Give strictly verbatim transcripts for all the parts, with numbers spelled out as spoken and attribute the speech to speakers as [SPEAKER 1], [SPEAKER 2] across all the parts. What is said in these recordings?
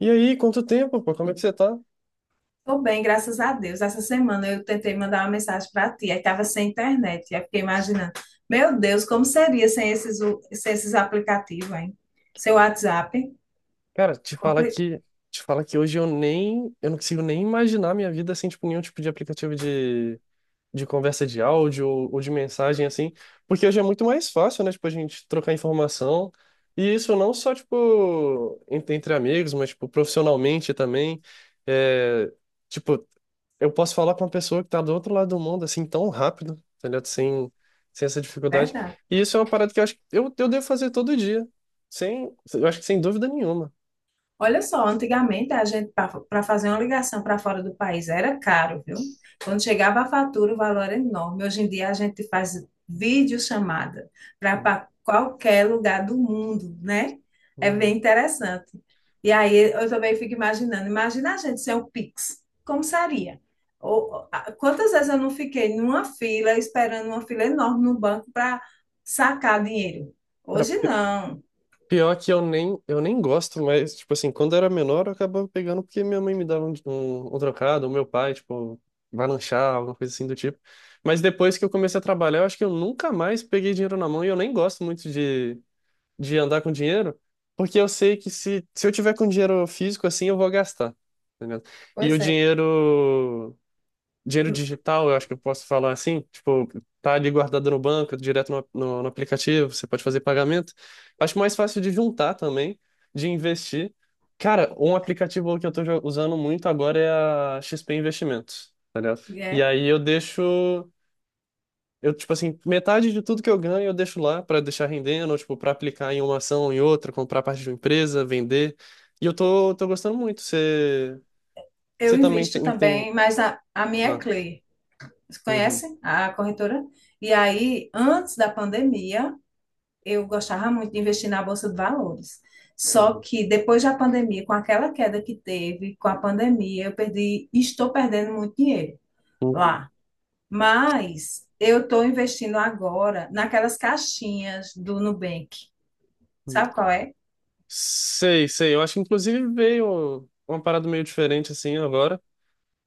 [SPEAKER 1] E aí, quanto tempo, pô? Como é que você tá?
[SPEAKER 2] Tô bem, graças a Deus. Essa semana eu tentei mandar uma mensagem para ti, aí tava sem internet. Aí fiquei imaginando, meu Deus, como seria sem esses, u- sem esses aplicativos, hein? Seu WhatsApp.
[SPEAKER 1] Cara, te falar
[SPEAKER 2] compli...
[SPEAKER 1] que, te falar que hoje eu nem, eu não consigo nem imaginar minha vida sem, tipo, nenhum tipo de aplicativo de, de conversa de áudio ou, ou de mensagem, assim, porque hoje é muito mais fácil, né, tipo, a gente trocar informação, e isso não só, tipo, entre, entre amigos, mas, tipo, profissionalmente também, é, tipo, eu posso falar com uma pessoa que tá do outro lado do mundo, assim, tão rápido, tá ligado? Sem, sem essa dificuldade.
[SPEAKER 2] Verdade.
[SPEAKER 1] E isso é uma parada que eu acho que eu, eu devo fazer todo dia. Sem, eu acho que sem dúvida nenhuma.
[SPEAKER 2] Olha só, antigamente a gente, para fazer uma ligação para fora do país, era caro, viu? Quando chegava a fatura, o valor era enorme. Hoje em dia a gente faz videochamada para qualquer lugar do mundo, né? É
[SPEAKER 1] Uhum.
[SPEAKER 2] bem interessante. E aí eu também fico imaginando, imagina a gente sem o Pix, como seria? Ou, a- quantas vezes eu não fiquei numa fila, esperando uma fila enorme no banco para sacar dinheiro?
[SPEAKER 1] Cara,
[SPEAKER 2] Hoje
[SPEAKER 1] pi-
[SPEAKER 2] não.
[SPEAKER 1] pior que eu nem, eu nem gosto, mas, tipo assim, quando eu era menor, eu acabava pegando porque minha mãe me dava um, um, um trocado, ou meu pai, tipo, vai lanchar, alguma coisa assim do tipo. Mas depois que eu comecei a trabalhar, eu acho que eu nunca mais peguei dinheiro na mão e eu nem gosto muito de de andar com dinheiro, porque eu sei que se, se eu tiver com dinheiro físico assim, eu vou gastar, tá ligado? E o
[SPEAKER 2] Pois é.
[SPEAKER 1] dinheiro, dinheiro digital, eu acho que eu posso falar assim, tipo, tá ali guardado no banco, direto no, no, no aplicativo, você pode fazer pagamento. Acho mais fácil de juntar também, de investir. Cara, um aplicativo que eu tô jo- usando muito agora é a X P Investimentos, tá ligado? E
[SPEAKER 2] É.
[SPEAKER 1] aí eu deixo. Eu, tipo assim, metade de tudo que eu ganho eu deixo lá pra deixar rendendo, ou, tipo, para aplicar em uma ação em outra, comprar parte de uma empresa, vender. E eu tô, tô gostando muito. Você,
[SPEAKER 2] Eu
[SPEAKER 1] você também
[SPEAKER 2] invisto
[SPEAKER 1] tem, tem...
[SPEAKER 2] também, mas a, a minha é
[SPEAKER 1] Ah,
[SPEAKER 2] Clear. Você
[SPEAKER 1] uhum,
[SPEAKER 2] conhece a corretora? E aí, antes da pandemia, eu gostava muito de investir na Bolsa de Valores. Só
[SPEAKER 1] uhum,
[SPEAKER 2] que depois da pandemia, com aquela queda que teve, com a pandemia, eu perdi, estou perdendo muito dinheiro
[SPEAKER 1] uhum,
[SPEAKER 2] lá. Mas eu estou investindo agora naquelas caixinhas do Nubank.
[SPEAKER 1] uhum.
[SPEAKER 2] Sabe qual é?
[SPEAKER 1] Sei, sei. Eu acho que, inclusive, veio uma parada meio diferente, assim, agora.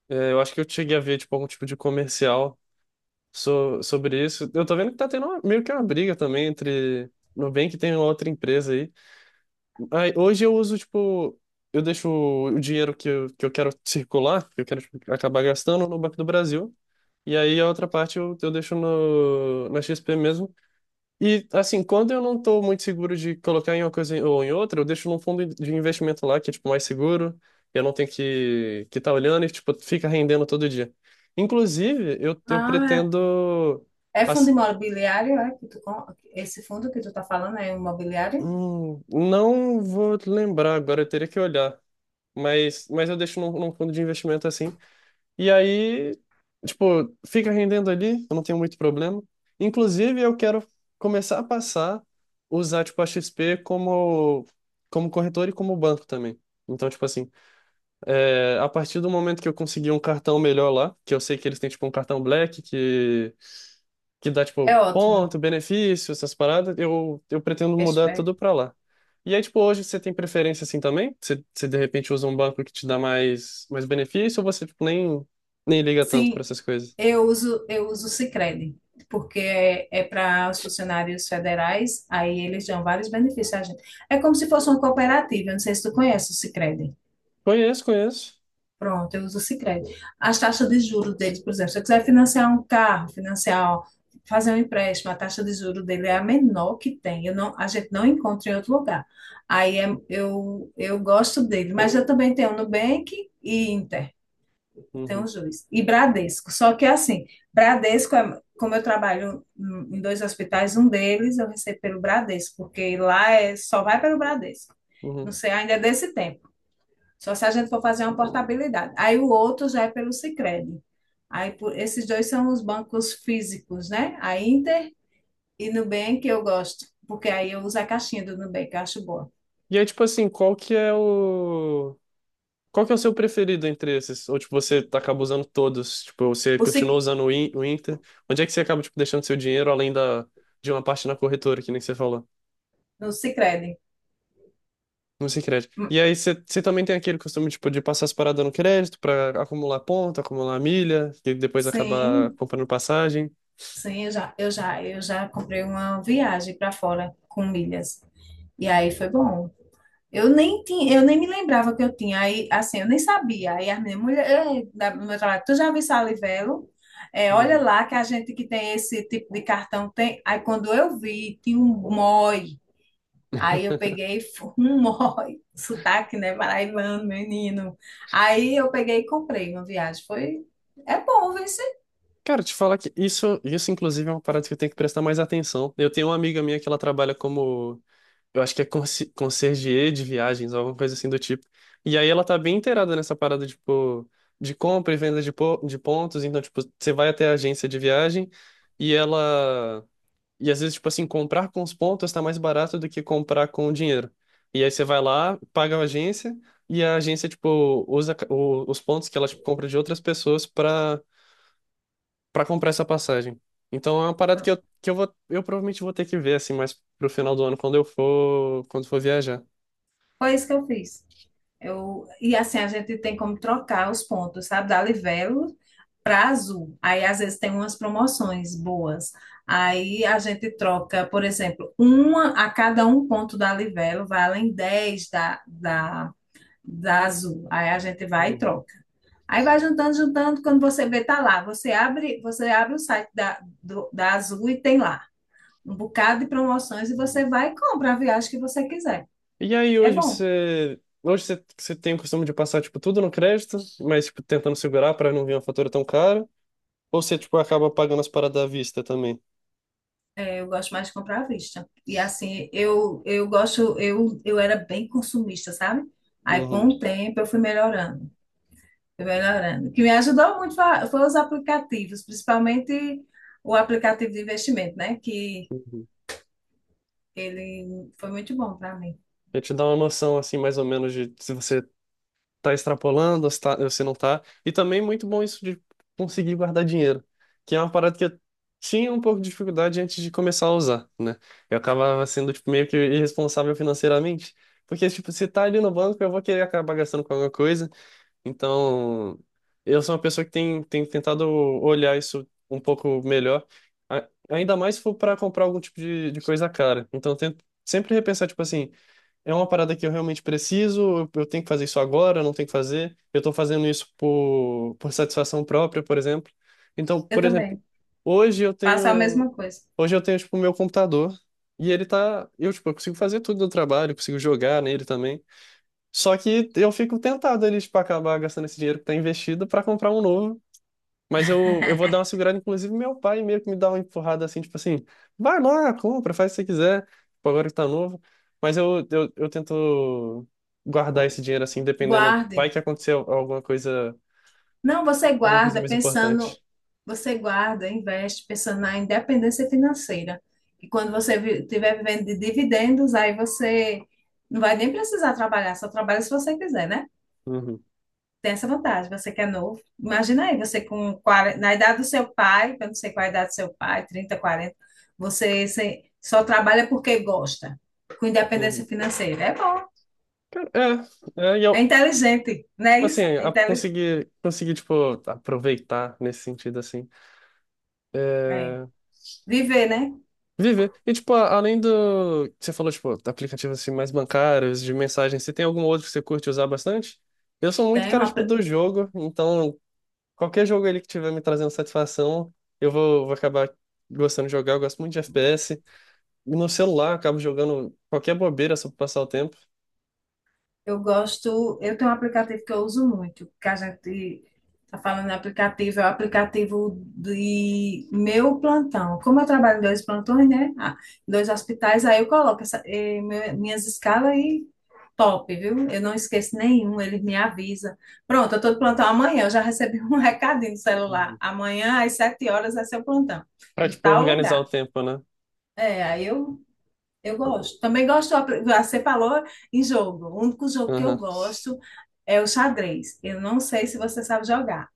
[SPEAKER 1] É, eu acho que eu cheguei a ver, tipo, algum tipo de comercial so, sobre isso. Eu tô vendo que tá tendo uma- meio que uma briga também entre... Nubank e tem uma outra empresa aí. Aí, hoje eu uso, tipo, eu deixo o dinheiro que eu, que eu quero circular, que eu quero tipo, acabar gastando no Banco do Brasil. E aí a outra parte eu, eu deixo no, na X P mesmo. E, assim, quando eu não tô muito seguro de colocar em uma coisa ou em outra, eu deixo num fundo de investimento lá, que é, tipo, mais seguro. Eu não tenho que que tá olhando e, tipo, fica rendendo todo dia. Inclusive, eu, eu
[SPEAKER 2] Ah.
[SPEAKER 1] pretendo...
[SPEAKER 2] É fundo
[SPEAKER 1] ass-
[SPEAKER 2] imobiliário. É que tu, com- esse fundo que tu tá falando é imobiliário?
[SPEAKER 1] Hum, não vou lembrar agora, eu teria que olhar. mas, mas eu deixo num, num fundo de investimento assim. E aí, tipo, fica rendendo ali, eu não tenho muito problema. Inclusive, eu quero começar a passar, usar, tipo, a X P como, como corretor e como banco também. Então, tipo assim, é, a partir do momento que eu conseguir um cartão melhor lá, que eu sei que eles têm, tipo, um cartão Black, que dá,
[SPEAKER 2] É
[SPEAKER 1] tipo,
[SPEAKER 2] ótimo.
[SPEAKER 1] ponto, benefício, essas paradas, eu, eu pretendo mudar tudo pra lá. E aí, tipo, hoje você tem preferência assim também? Você, você de repente usa um banco que te dá mais, mais benefício ou você, tipo, nem, nem liga tanto pra
[SPEAKER 2] Sim,
[SPEAKER 1] essas coisas?
[SPEAKER 2] eu uso, eu uso o Sicredi, porque é, é para os funcionários federais, aí eles dão vários benefícios a gente. É como se fosse uma cooperativa, eu não sei se tu conhece o Sicredi.
[SPEAKER 1] Conheço, conheço.
[SPEAKER 2] Pronto, eu uso o Sicredi. As taxas de juros deles, por exemplo, se eu quiser financiar um carro, financiar, fazer um empréstimo, a taxa de juros dele é a menor que tem. Eu não, A gente não encontra em outro lugar. Aí é- eu, eu gosto dele, mas eu também tenho Nubank e Inter. Tem
[SPEAKER 1] Uhum,
[SPEAKER 2] os dois. E Bradesco. Só que assim, Bradesco, é- como eu trabalho hum, em dois hospitais, um deles eu recebo pelo Bradesco, porque lá é, só vai pelo Bradesco. Não
[SPEAKER 1] uhum.
[SPEAKER 2] sei, ainda é desse tempo. Só se a gente for fazer uma portabilidade. Aí o outro já é pelo Sicredi. Aí por- esses dois são os bancos físicos, né? A Inter e Nubank eu gosto, porque aí eu uso a caixinha do Nubank, eu acho boa.
[SPEAKER 1] E aí, tipo assim, qual que é o... Qual que é o seu preferido entre esses? Ou, tipo, você tá- acaba usando todos? Tipo, você
[SPEAKER 2] O
[SPEAKER 1] continua
[SPEAKER 2] Sic,
[SPEAKER 1] usando o In- o Inter? Onde é que você acaba, tipo, deixando seu dinheiro além da, de uma parte na corretora, que nem você falou?
[SPEAKER 2] no Sicredi.
[SPEAKER 1] Música e crédito.
[SPEAKER 2] Hum,
[SPEAKER 1] E aí você também tem aquele costume, tipo, de passar as paradas no crédito pra acumular ponto, acumular milha, e depois acabar
[SPEAKER 2] Sim,
[SPEAKER 1] comprando passagem.
[SPEAKER 2] sim, eu já, eu já, eu já comprei uma viagem para fora com milhas. E aí foi bom. Eu nem tinha, eu nem me lembrava que eu tinha. Aí, assim, eu nem sabia. Aí a minha mulher: "Ei, da- do meu trabalho, tu já viu Salivelo? É, olha
[SPEAKER 1] Uhum.
[SPEAKER 2] lá que a gente que tem esse tipo de cartão tem." Aí quando eu vi, tinha um mói. Aí eu peguei um mói, sotaque, né, paraibano, menino. Aí eu peguei e comprei uma viagem. Foi, é bom, viu?
[SPEAKER 1] Cara, te falar que isso, isso inclusive é uma parada que eu tenho que prestar mais atenção. Eu tenho uma amiga minha que ela trabalha como, eu acho que é conci- concierge de viagens, alguma coisa assim do tipo. E aí ela tá bem inteirada nessa parada, tipo, de compra e venda de, po- de pontos. Então, tipo, você vai até a agência de viagem e ela. E às vezes, tipo assim, comprar com os pontos tá mais barato do que comprar com o dinheiro. E aí você vai lá, paga a agência, e a agência, tipo, usa ca- o- os pontos que ela, tipo, compra de outras pessoas pra para comprar essa passagem. Então é uma parada que eu, que eu vou, eu provavelmente vou ter que ver assim, mais pro final do ano quando eu for, quando for viajar.
[SPEAKER 2] Foi isso que eu fiz. Eu, e assim, a gente tem como trocar os pontos, sabe? Da Livelo para Azul. Aí, às vezes, tem umas promoções boas. Aí, a gente troca, por exemplo, uma a cada um ponto da Livelo, vai além dez da, da, da Azul. Aí, a gente vai e
[SPEAKER 1] Uhum,
[SPEAKER 2] troca. Aí, vai juntando, juntando. Quando você vê, tá lá. Você abre, você abre o site da, do- da Azul e tem lá um bocado de promoções e você
[SPEAKER 1] uhum.
[SPEAKER 2] vai e compra a viagem que você quiser.
[SPEAKER 1] E aí
[SPEAKER 2] É
[SPEAKER 1] hoje
[SPEAKER 2] bom.
[SPEAKER 1] você, hoje você, você tem o costume de passar tipo tudo no crédito, mas tipo tentando segurar para não vir uma fatura tão cara, ou você tipo acaba pagando as paradas à vista também?
[SPEAKER 2] Eu gosto mais de comprar à vista. E assim, eu, eu gosto, eu, eu era bem consumista, sabe? Aí com
[SPEAKER 1] Uhum.
[SPEAKER 2] o tempo eu fui melhorando, fui melhorando. O que me ajudou muito fa- foi os aplicativos, principalmente o aplicativo de investimento, né? Que
[SPEAKER 1] Uhum.
[SPEAKER 2] ele foi muito bom para mim.
[SPEAKER 1] Pra te dar uma noção, assim, mais ou menos, de se você tá extrapolando, se, tá, se não tá. E também muito bom isso de conseguir guardar dinheiro, que é uma parada que eu tinha um pouco de dificuldade antes de começar a usar, né? Eu acabava sendo, tipo, meio que irresponsável financeiramente, porque, tipo, se tá ali no banco, eu vou querer acabar gastando com alguma coisa. Então, eu sou uma pessoa que tem, tem tentado olhar isso um pouco melhor, a- ainda mais se for para comprar algum tipo de, de coisa cara. Então, eu tento sempre repensar, tipo assim. É uma parada que eu realmente preciso, eu eu tenho que fazer isso agora, eu não tenho que fazer, eu tô fazendo isso por, por satisfação própria, por exemplo. Então,
[SPEAKER 2] Eu
[SPEAKER 1] por exemplo,
[SPEAKER 2] também
[SPEAKER 1] hoje eu
[SPEAKER 2] faço a
[SPEAKER 1] tenho,
[SPEAKER 2] mesma coisa.
[SPEAKER 1] hoje eu tenho, tipo, o meu computador e ele tá, eu, tipo, eu consigo fazer tudo do trabalho, eu consigo jogar nele também. Só que eu fico tentado ali, tipo, acabar gastando esse dinheiro que tá investido para comprar um novo. mas eu, eu vou dar uma segurada. Inclusive meu pai meio que me dá uma empurrada assim, tipo assim, vai lá, compra, faz o que você quiser, tipo, agora que tá novo. Mas eu, eu, eu tento guardar esse dinheiro assim, dependendo, vai
[SPEAKER 2] Guarde.
[SPEAKER 1] que acontecer alguma coisa,
[SPEAKER 2] Não, você
[SPEAKER 1] alguma coisa
[SPEAKER 2] guarda
[SPEAKER 1] mais
[SPEAKER 2] pensando,
[SPEAKER 1] importante.
[SPEAKER 2] você guarda, investe pensando na independência financeira. E quando você vi- tiver vivendo de dividendos, aí você não vai nem precisar trabalhar, só trabalha se você quiser, né?
[SPEAKER 1] Uhum,
[SPEAKER 2] Tem essa vantagem, você que é novo. Imagina aí, você com quarenta, na idade do seu pai, eu não sei qual é a idade do seu pai, trinta, quarenta, você, você só trabalha porque gosta, com
[SPEAKER 1] uhum.
[SPEAKER 2] independência financeira. É bom,
[SPEAKER 1] É, é, e
[SPEAKER 2] é
[SPEAKER 1] eu,
[SPEAKER 2] inteligente, não é
[SPEAKER 1] tipo assim,
[SPEAKER 2] isso? É
[SPEAKER 1] a-
[SPEAKER 2] inteligente.
[SPEAKER 1] conseguir, conseguir, tipo, aproveitar nesse sentido, assim.
[SPEAKER 2] É.
[SPEAKER 1] É.
[SPEAKER 2] Viver, né?
[SPEAKER 1] Viver. E, tipo, a- além do que você falou, tipo, aplicativos assim, mais bancários, de mensagem, você tem algum outro que você curte usar bastante? Eu sou muito
[SPEAKER 2] Tem
[SPEAKER 1] cara,
[SPEAKER 2] uma
[SPEAKER 1] tipo, do jogo, então qualquer jogo ali que tiver me trazendo satisfação, eu vou, vou acabar gostando de jogar. Eu gosto muito de F P S. E no celular, eu acabo jogando qualquer bobeira só pra passar o tempo.
[SPEAKER 2] Eu gosto, eu tenho um aplicativo que eu uso muito, que a gente está falando de aplicativo, é o aplicativo de meu plantão. Como eu trabalho em dois plantões, né? Ah, em dois hospitais, aí eu coloco essa- eh, meu- minhas escalas e top, viu? Eu não esqueço nenhum, ele me avisa. Pronto, eu estou de plantão amanhã, eu já recebi um recadinho no celular.
[SPEAKER 1] Uhum.
[SPEAKER 2] Amanhã, às sete horas, é seu plantão,
[SPEAKER 1] Pra,
[SPEAKER 2] em
[SPEAKER 1] tipo,
[SPEAKER 2] tal
[SPEAKER 1] organizar o
[SPEAKER 2] lugar.
[SPEAKER 1] tempo, né?
[SPEAKER 2] É, aí eu eu gosto. Também gosto, você falou em jogo. O único jogo que eu
[SPEAKER 1] Aham.
[SPEAKER 2] gosto é o xadrez. Eu não sei se você sabe jogar,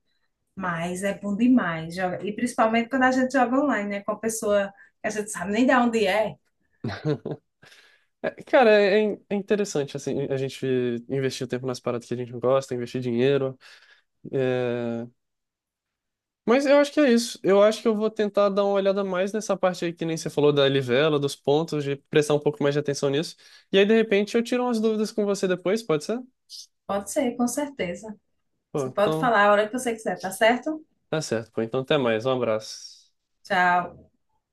[SPEAKER 2] mas é bom demais. joga- E principalmente quando a gente joga online, né? Com a pessoa que a gente sabe nem de onde é.
[SPEAKER 1] É, cara, é, é interessante, assim, a gente investir o tempo nas paradas que a gente não gosta, investir dinheiro. É. Mas eu acho que é isso. Eu acho que eu vou tentar dar uma olhada mais nessa parte aí que nem você falou da livela, dos pontos, de prestar um pouco mais de atenção nisso. E aí, de repente, eu tiro umas dúvidas com você depois, pode ser?
[SPEAKER 2] Pode ser, com certeza.
[SPEAKER 1] Pô,
[SPEAKER 2] Você pode
[SPEAKER 1] então,
[SPEAKER 2] falar a hora que você quiser, tá certo?
[SPEAKER 1] tá certo. Pô, então, até mais. Um abraço.
[SPEAKER 2] Tchau.